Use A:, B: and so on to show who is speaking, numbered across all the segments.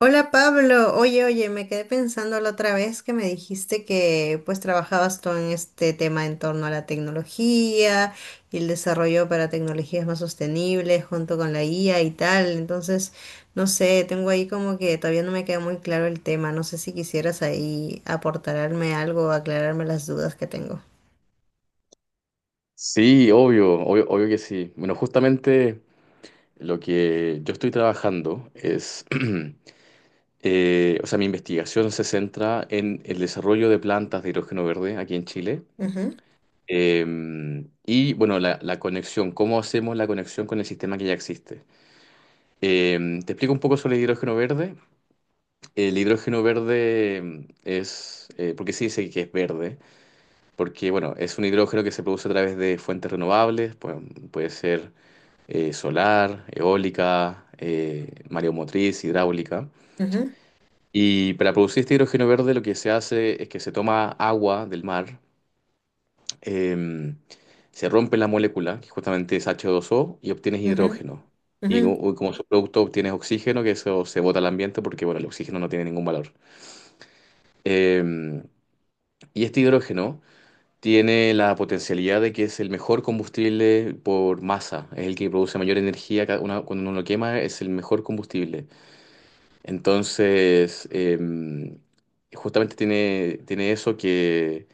A: Hola Pablo, oye, oye, me quedé pensando la otra vez que me dijiste que pues trabajabas tú en este tema en torno a la tecnología y el desarrollo para tecnologías más sostenibles junto con la IA y tal. Entonces, no sé, tengo ahí como que todavía no me queda muy claro el tema. No sé si quisieras ahí aportarme algo, aclararme las dudas que tengo.
B: Sí, obvio, obvio, obvio que sí. Bueno, justamente lo que yo estoy trabajando es, O sea, mi investigación se centra en el desarrollo de plantas de hidrógeno verde aquí en Chile.
A: Ujú,
B: Eh, y bueno, la conexión, cómo hacemos la conexión con el sistema que ya existe. Te explico un poco sobre el hidrógeno verde. El hidrógeno verde es, ¿por qué se dice que es verde? Porque bueno, es un hidrógeno que se produce a través de fuentes renovables, puede ser solar, eólica, mareomotriz, hidráulica.
A: ujú,
B: Y para producir este hidrógeno verde lo que se hace es que se toma agua del mar, eh, se rompe la molécula, que justamente es H2O, y obtienes
A: ujú,
B: hidrógeno.
A: ujú.
B: Y como subproducto obtienes oxígeno, que eso se bota al ambiente porque, bueno, el oxígeno no tiene ningún valor. Eh, y este hidrógeno tiene la potencialidad de que es el mejor combustible por masa, es el que produce mayor energía, cuando uno lo quema es el mejor combustible. Entonces, justamente tiene eso que,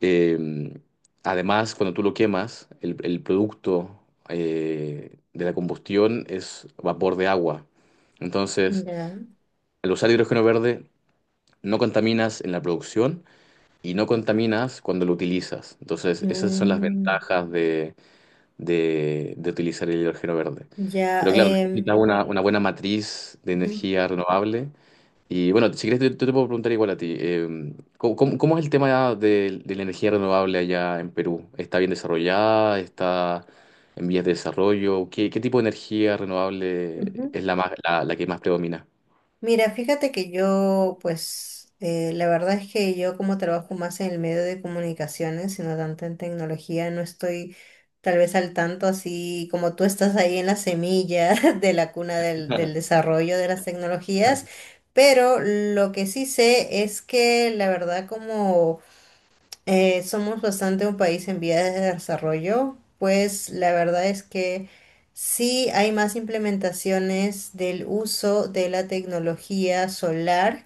B: em, además, cuando tú lo quemas, el producto de la combustión es vapor de agua. Entonces,
A: Ya.
B: al usar hidrógeno verde, no contaminas en la producción y no contaminas cuando lo utilizas. Entonces, esas son las
A: Mm,
B: ventajas de, de utilizar el hidrógeno verde.
A: ya.
B: Pero claro, necesitas una buena matriz de
A: Ujú,
B: energía renovable y bueno, si quieres, yo te puedo preguntar igual a ti. ¿Cómo, cómo es el tema de la energía renovable allá en Perú? ¿Está bien desarrollada? ¿Está en vías de desarrollo? ¿Qué, qué tipo de energía renovable
A: ujú.
B: es la, más, la que más predomina?
A: Mira, fíjate que yo, pues, la verdad es que yo como trabajo más en el medio de comunicaciones sino tanto en tecnología, no estoy tal vez al tanto así como tú estás ahí en la semilla de la cuna del desarrollo de las tecnologías, pero lo que sí sé es que la verdad como somos bastante un país en vías de desarrollo, pues la verdad es que sí hay más implementaciones del uso de la tecnología solar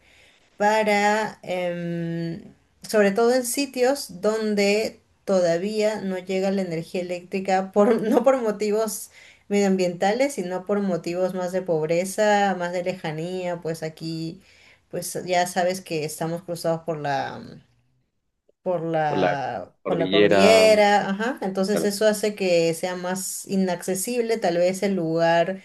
A: para, sobre todo en sitios donde todavía no llega la energía eléctrica, por, no por motivos medioambientales, sino por motivos más de pobreza, más de lejanía, pues aquí, pues ya sabes que estamos cruzados por la
B: ¿Por la
A: por la
B: cordillera?
A: cordillera, ajá. Entonces
B: Claro.
A: eso hace que sea más inaccesible, tal vez el lugar,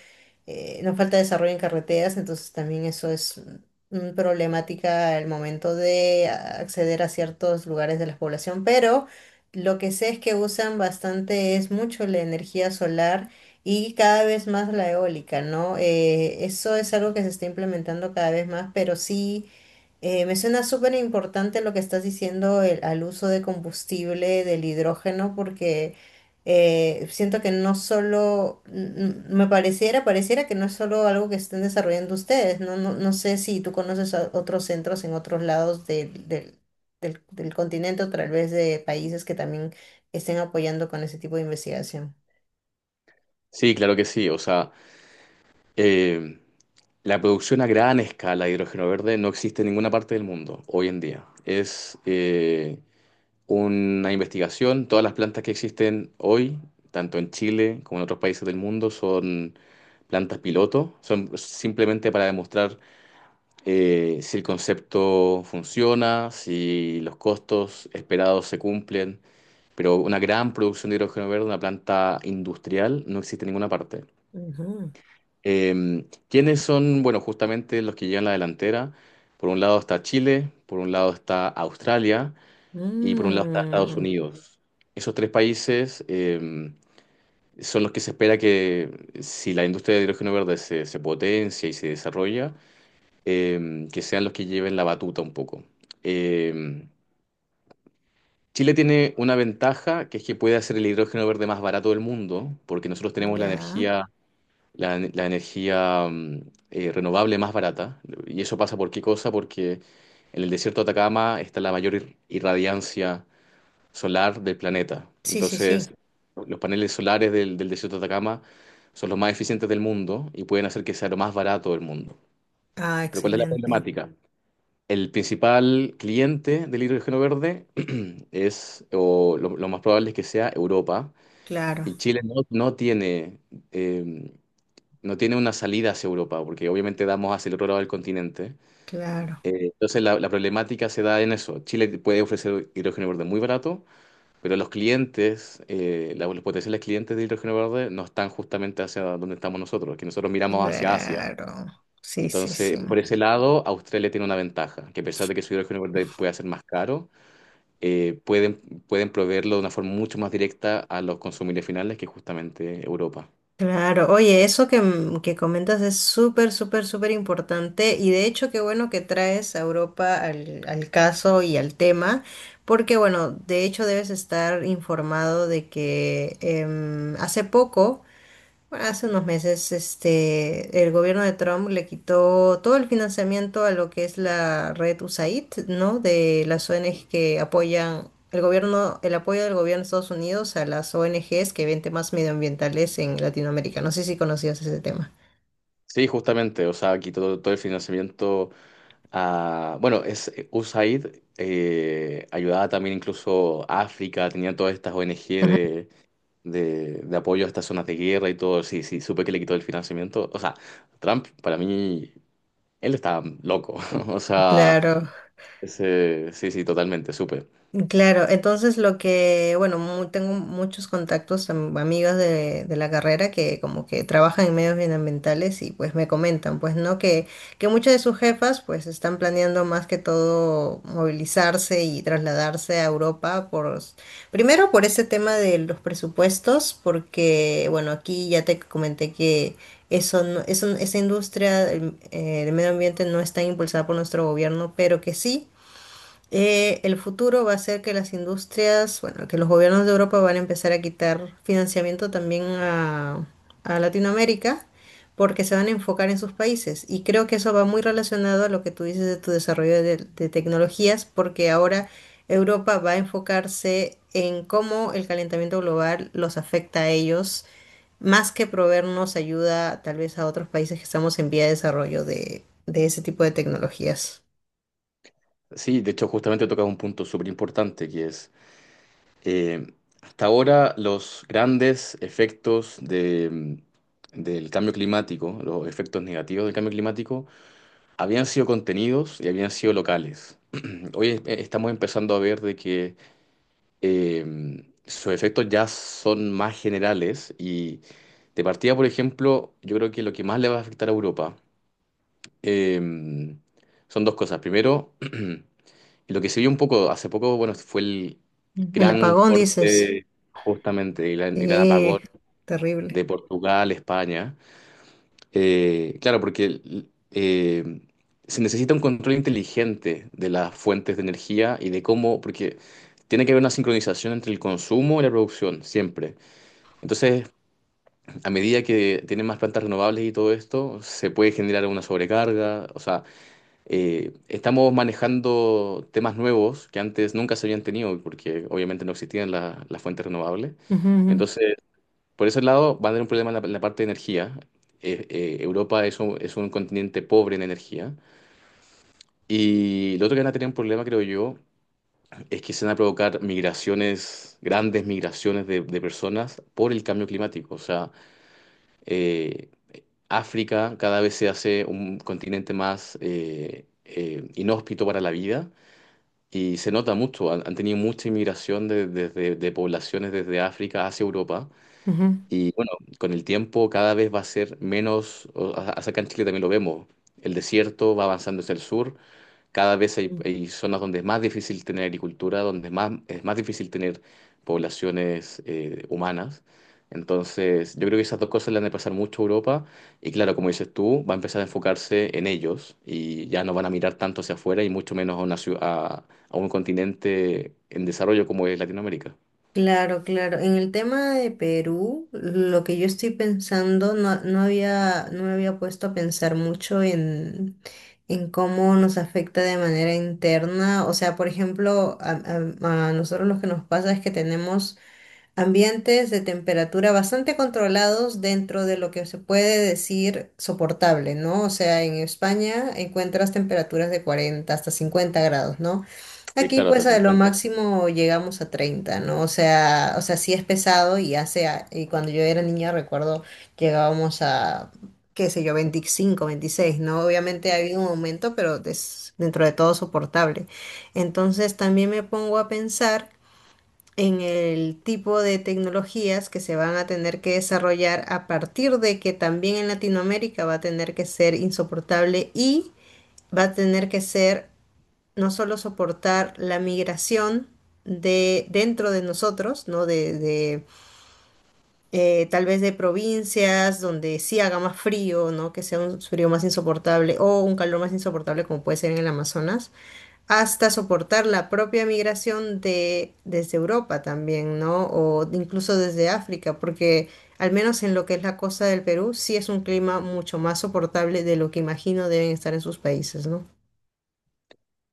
A: nos falta desarrollo en carreteras, entonces también eso es un problemática al momento de acceder a ciertos lugares de la población, pero lo que sé es que usan bastante, es mucho la energía solar. Y cada vez más la eólica, ¿no? Eso es algo que se está implementando cada vez más, pero sí, me suena súper importante lo que estás diciendo al uso de combustible del hidrógeno porque siento que no solo, me pareciera, pareciera que no es solo algo que estén desarrollando ustedes, no, no, no sé si tú conoces a otros centros en otros lados del continente o tal vez de países que también estén apoyando con ese tipo de investigación.
B: Sí, claro que sí. O sea, em, la producción a gran escala de hidrógeno verde no existe en ninguna parte del mundo hoy en día. Es, una investigación. Todas las plantas que existen hoy, tanto en Chile como en otros países del mundo, son plantas piloto. Son simplemente para demostrar si el concepto funciona, si los costos esperados se cumplen. Pero una gran producción de hidrógeno verde, una planta industrial, no existe en ninguna parte.
A: Ujú.
B: ¿Quiénes son? Bueno, justamente los que llevan la delantera. Por un lado está Chile, por un lado está Australia y por un lado está Estados
A: Mm,
B: Unidos. Esos tres países son los que se espera que, si la industria de hidrógeno verde se, se potencia y se desarrolla, que sean los que lleven la batuta un poco. Eh, Chile tiene una ventaja, que es que puede hacer el hidrógeno verde más barato del mundo, porque nosotros tenemos la
A: ya.
B: energía, la energía renovable más barata. ¿Y eso pasa por qué cosa? Porque en el desierto de Atacama está la mayor irradiancia solar del planeta.
A: Sí, sí,
B: Entonces,
A: sí.
B: los paneles solares del desierto de Atacama son los más eficientes del mundo y pueden hacer que sea lo más barato del mundo.
A: Ah,
B: Pero ¿cuál es la
A: excelente.
B: problemática? El principal cliente del hidrógeno verde es, o lo más probable es que sea Europa,
A: Claro,
B: y Chile no, no tiene, eh, no tiene una salida hacia Europa, porque obviamente damos hacia el otro lado del continente.
A: claro.
B: Entonces la problemática se da en eso. Chile puede ofrecer hidrógeno verde muy barato, pero los clientes, los potenciales clientes de hidrógeno verde no están justamente hacia donde estamos nosotros, que nosotros miramos hacia Asia.
A: Claro, sí, sí, sí.
B: Entonces, por ese lado, Australia tiene una ventaja, que a pesar de que su hidrógeno verde puede ser más caro, eh, pueden, pueden proveerlo de una forma mucho más directa a los consumidores finales que justamente Europa.
A: Claro, oye, eso que, que comentas es súper, súper, súper importante y de hecho qué bueno que traes a Europa al, al caso y al tema, porque bueno, de hecho debes estar informado de que hace poco. Bueno, hace unos meses, este, el gobierno de Trump le quitó todo el financiamiento a lo que es la red USAID, ¿no? De las ONGs que apoyan el gobierno, el apoyo del gobierno de Estados Unidos a las ONGs que ven temas medioambientales en Latinoamérica. No sé si conocías ese tema.
B: Sí, justamente, o sea, aquí todo, todo el financiamiento a, bueno, es USAID ayudaba también incluso a África, tenía todas estas ONG
A: Ujú.
B: de apoyo a estas zonas de guerra y todo, sí, sí, supe que le quitó el financiamiento. O sea, Trump, para mí, él está loco. O sea,
A: Claro.
B: sí, sí, totalmente, supe.
A: Claro, entonces lo que, bueno, tengo muchos contactos, amigas de la carrera que como que trabajan en medios ambientales y pues me comentan, pues no, que muchas de sus jefas pues están planeando más que todo movilizarse y trasladarse a Europa por, primero por ese tema de los presupuestos, porque bueno, aquí ya te comenté que eso no- eso- esa industria del medio ambiente no está impulsada por nuestro gobierno, pero que sí. El futuro va a ser que las industrias, bueno, que los gobiernos de Europa van a empezar a quitar financiamiento también a Latinoamérica porque se van a enfocar en sus países. Y creo que eso va muy relacionado a lo que tú dices de tu desarrollo de tecnologías, porque ahora Europa va a enfocarse en cómo el calentamiento global los afecta a ellos, más que proveernos ayuda tal vez a otros países que estamos en vía de desarrollo de ese tipo de tecnologías.
B: Sí, de hecho, justamente tocas un punto súper importante que es, eh, hasta ahora los grandes efectos de, del cambio climático, los efectos negativos del cambio climático, habían sido contenidos y habían sido locales. Hoy estamos empezando a ver de que sus efectos ya son más generales y de partida, por ejemplo, yo creo que lo que más le va a afectar a Europa eh, son dos cosas. Primero, y lo que se vio un poco hace poco, bueno, fue el
A: Ujú. El
B: gran
A: apagón, dices.
B: corte justamente, el gran apagón
A: Sí, terrible.
B: de Portugal, España. Claro, porque eh, se necesita un control inteligente de las fuentes de energía y de cómo, porque tiene que haber una sincronización entre el consumo y la producción, siempre. Entonces, a medida que tienen más plantas renovables y todo esto, se puede generar una sobrecarga. O sea, estamos manejando temas nuevos que antes nunca se habían tenido, porque obviamente no existían las fuentes renovables.
A: Ujú,
B: Entonces, por ese lado, va a tener un problema en la parte de energía. Europa es un continente pobre en energía. Y lo otro que van a tener un problema, creo yo, es que se van a provocar migraciones, grandes migraciones de personas por el cambio climático. O sea, eh, África cada vez se hace un continente más inhóspito para la vida. Y se nota mucho, han, han tenido mucha inmigración de, de poblaciones desde África hacia Europa.
A: ujú.
B: Y bueno, con el tiempo cada vez va a ser menos, acá en Chile también lo vemos, el desierto va avanzando hacia el sur, cada vez hay,
A: Mm.
B: hay zonas donde es más difícil tener agricultura, donde es más difícil tener poblaciones humanas. Entonces, yo creo que esas dos cosas le han de pasar mucho a Europa y claro, como dices tú, va a empezar a enfocarse en ellos y ya no van a mirar tanto hacia afuera y mucho menos a, a un continente en desarrollo como es Latinoamérica.
A: Claro, claro. En el tema de Perú, lo que yo estoy pensando, no, no había, no me había puesto a pensar mucho en cómo nos afecta de manera interna. O sea, por ejemplo, a nosotros lo que nos pasa es que tenemos ambientes de temperatura bastante controlados dentro de lo que se puede decir soportable, ¿no? O sea, en España encuentras temperaturas de 40 hasta 50 grados, ¿no?
B: Sí,
A: Aquí
B: claro,
A: pues
B: hasta
A: a lo
B: cincuenta.
A: máximo llegamos a 30, ¿no? O sea, sí es pesado y hace, y cuando yo era niña recuerdo llegábamos a, qué sé yo, 25, 26, ¿no? Obviamente ha habido un aumento, pero es dentro de todo soportable. Entonces también me pongo a pensar en el tipo de tecnologías que se van a tener que desarrollar a partir de que también en Latinoamérica va a tener que ser insoportable y va a tener que ser no solo soportar la migración de dentro de nosotros, ¿no? Tal vez de provincias donde sí haga más frío, ¿no? Que sea un frío más insoportable o un calor más insoportable como puede ser en el Amazonas, hasta soportar la propia migración de, desde Europa también, ¿no? O incluso desde África, porque al menos en lo que es la costa del Perú, sí es un clima mucho más soportable de lo que imagino deben estar en sus países, ¿no?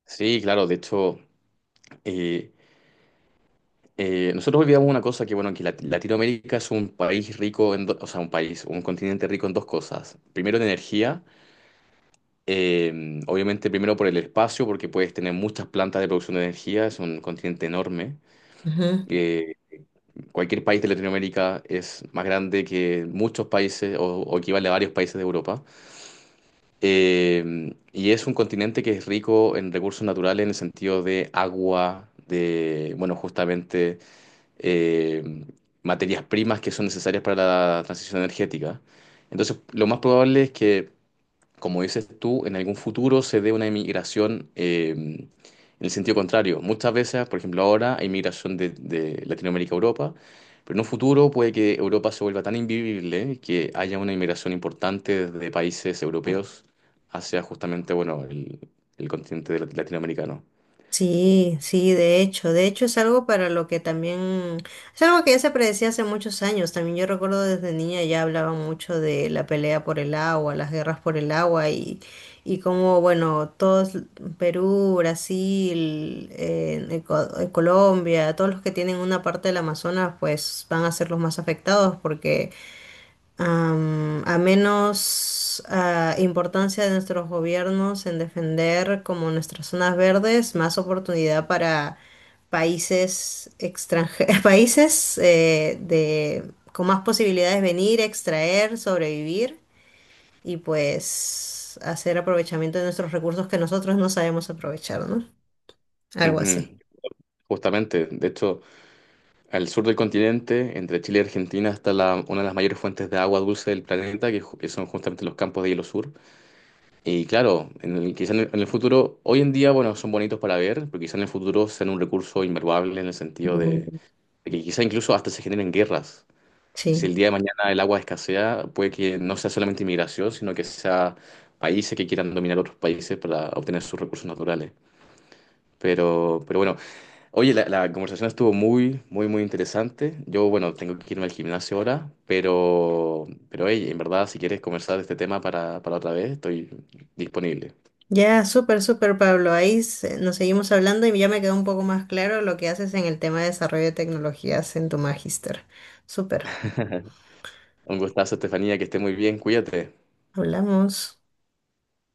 B: Sí, claro, de hecho. Eh, Nosotros olvidamos una cosa que, bueno, que Latinoamérica es un país rico, o sea, un país, un continente rico en dos cosas. Primero en energía, obviamente primero por el espacio, porque puedes tener muchas plantas de producción de energía, es un continente enorme. Eh, Cualquier país de Latinoamérica es más grande que muchos países o equivale a varios países de Europa. Y es un continente que es rico en recursos naturales en el sentido de agua, de, bueno, justamente eh, materias primas que son necesarias para la transición energética. Entonces, lo más probable es que, como dices tú, en algún futuro se dé una inmigración en el sentido contrario. Muchas veces, por ejemplo, ahora hay migración de Latinoamérica a Europa, pero en un futuro puede que Europa se vuelva tan invivible que haya una inmigración importante desde países europeos hacia justamente, bueno, el continente latinoamericano.
A: Sí, sí, de hecho es algo para lo que también, es algo que ya se predecía hace muchos años, también yo recuerdo desde niña ya hablaban mucho de la pelea por el agua, las guerras por el agua y cómo, bueno, todos, Perú, Brasil, Colombia, todos los que tienen una parte del Amazonas, pues van a ser los más afectados porque a menos importancia de nuestros gobiernos en defender como nuestras zonas verdes, más oportunidad para países extranjeros, países de, con más posibilidades de venir, extraer, sobrevivir y pues hacer aprovechamiento de nuestros recursos que nosotros no sabemos aprovechar, ¿no? Algo así.
B: Ujú. Justamente, de hecho, al sur del continente, entre Chile y Argentina, está una de las mayores fuentes de agua dulce del planeta, que, que son justamente los campos de hielo sur. Y claro, en el, quizá en el futuro, hoy en día, bueno, son bonitos para ver, pero quizá en el futuro sean un recurso invaluable en el sentido
A: Mm.
B: de que quizá incluso hasta se generen guerras. Si
A: Sí.
B: el día de mañana el agua escasea, puede que no sea solamente inmigración, sino que sea países que quieran dominar otros países para obtener sus recursos naturales. Pero bueno. Oye, la conversación estuvo muy, muy, muy interesante. Yo, bueno, tengo que irme al gimnasio ahora, pero hey, en verdad, si quieres conversar de este tema para otra vez, estoy disponible.
A: Ya, súper, súper, Pablo. Ahí nos seguimos hablando y ya me quedó un poco más claro lo que haces en el tema de desarrollo de tecnologías en tu magíster. Súper,
B: Un gustazo, Estefanía, que esté muy bien, cuídate.
A: hablamos.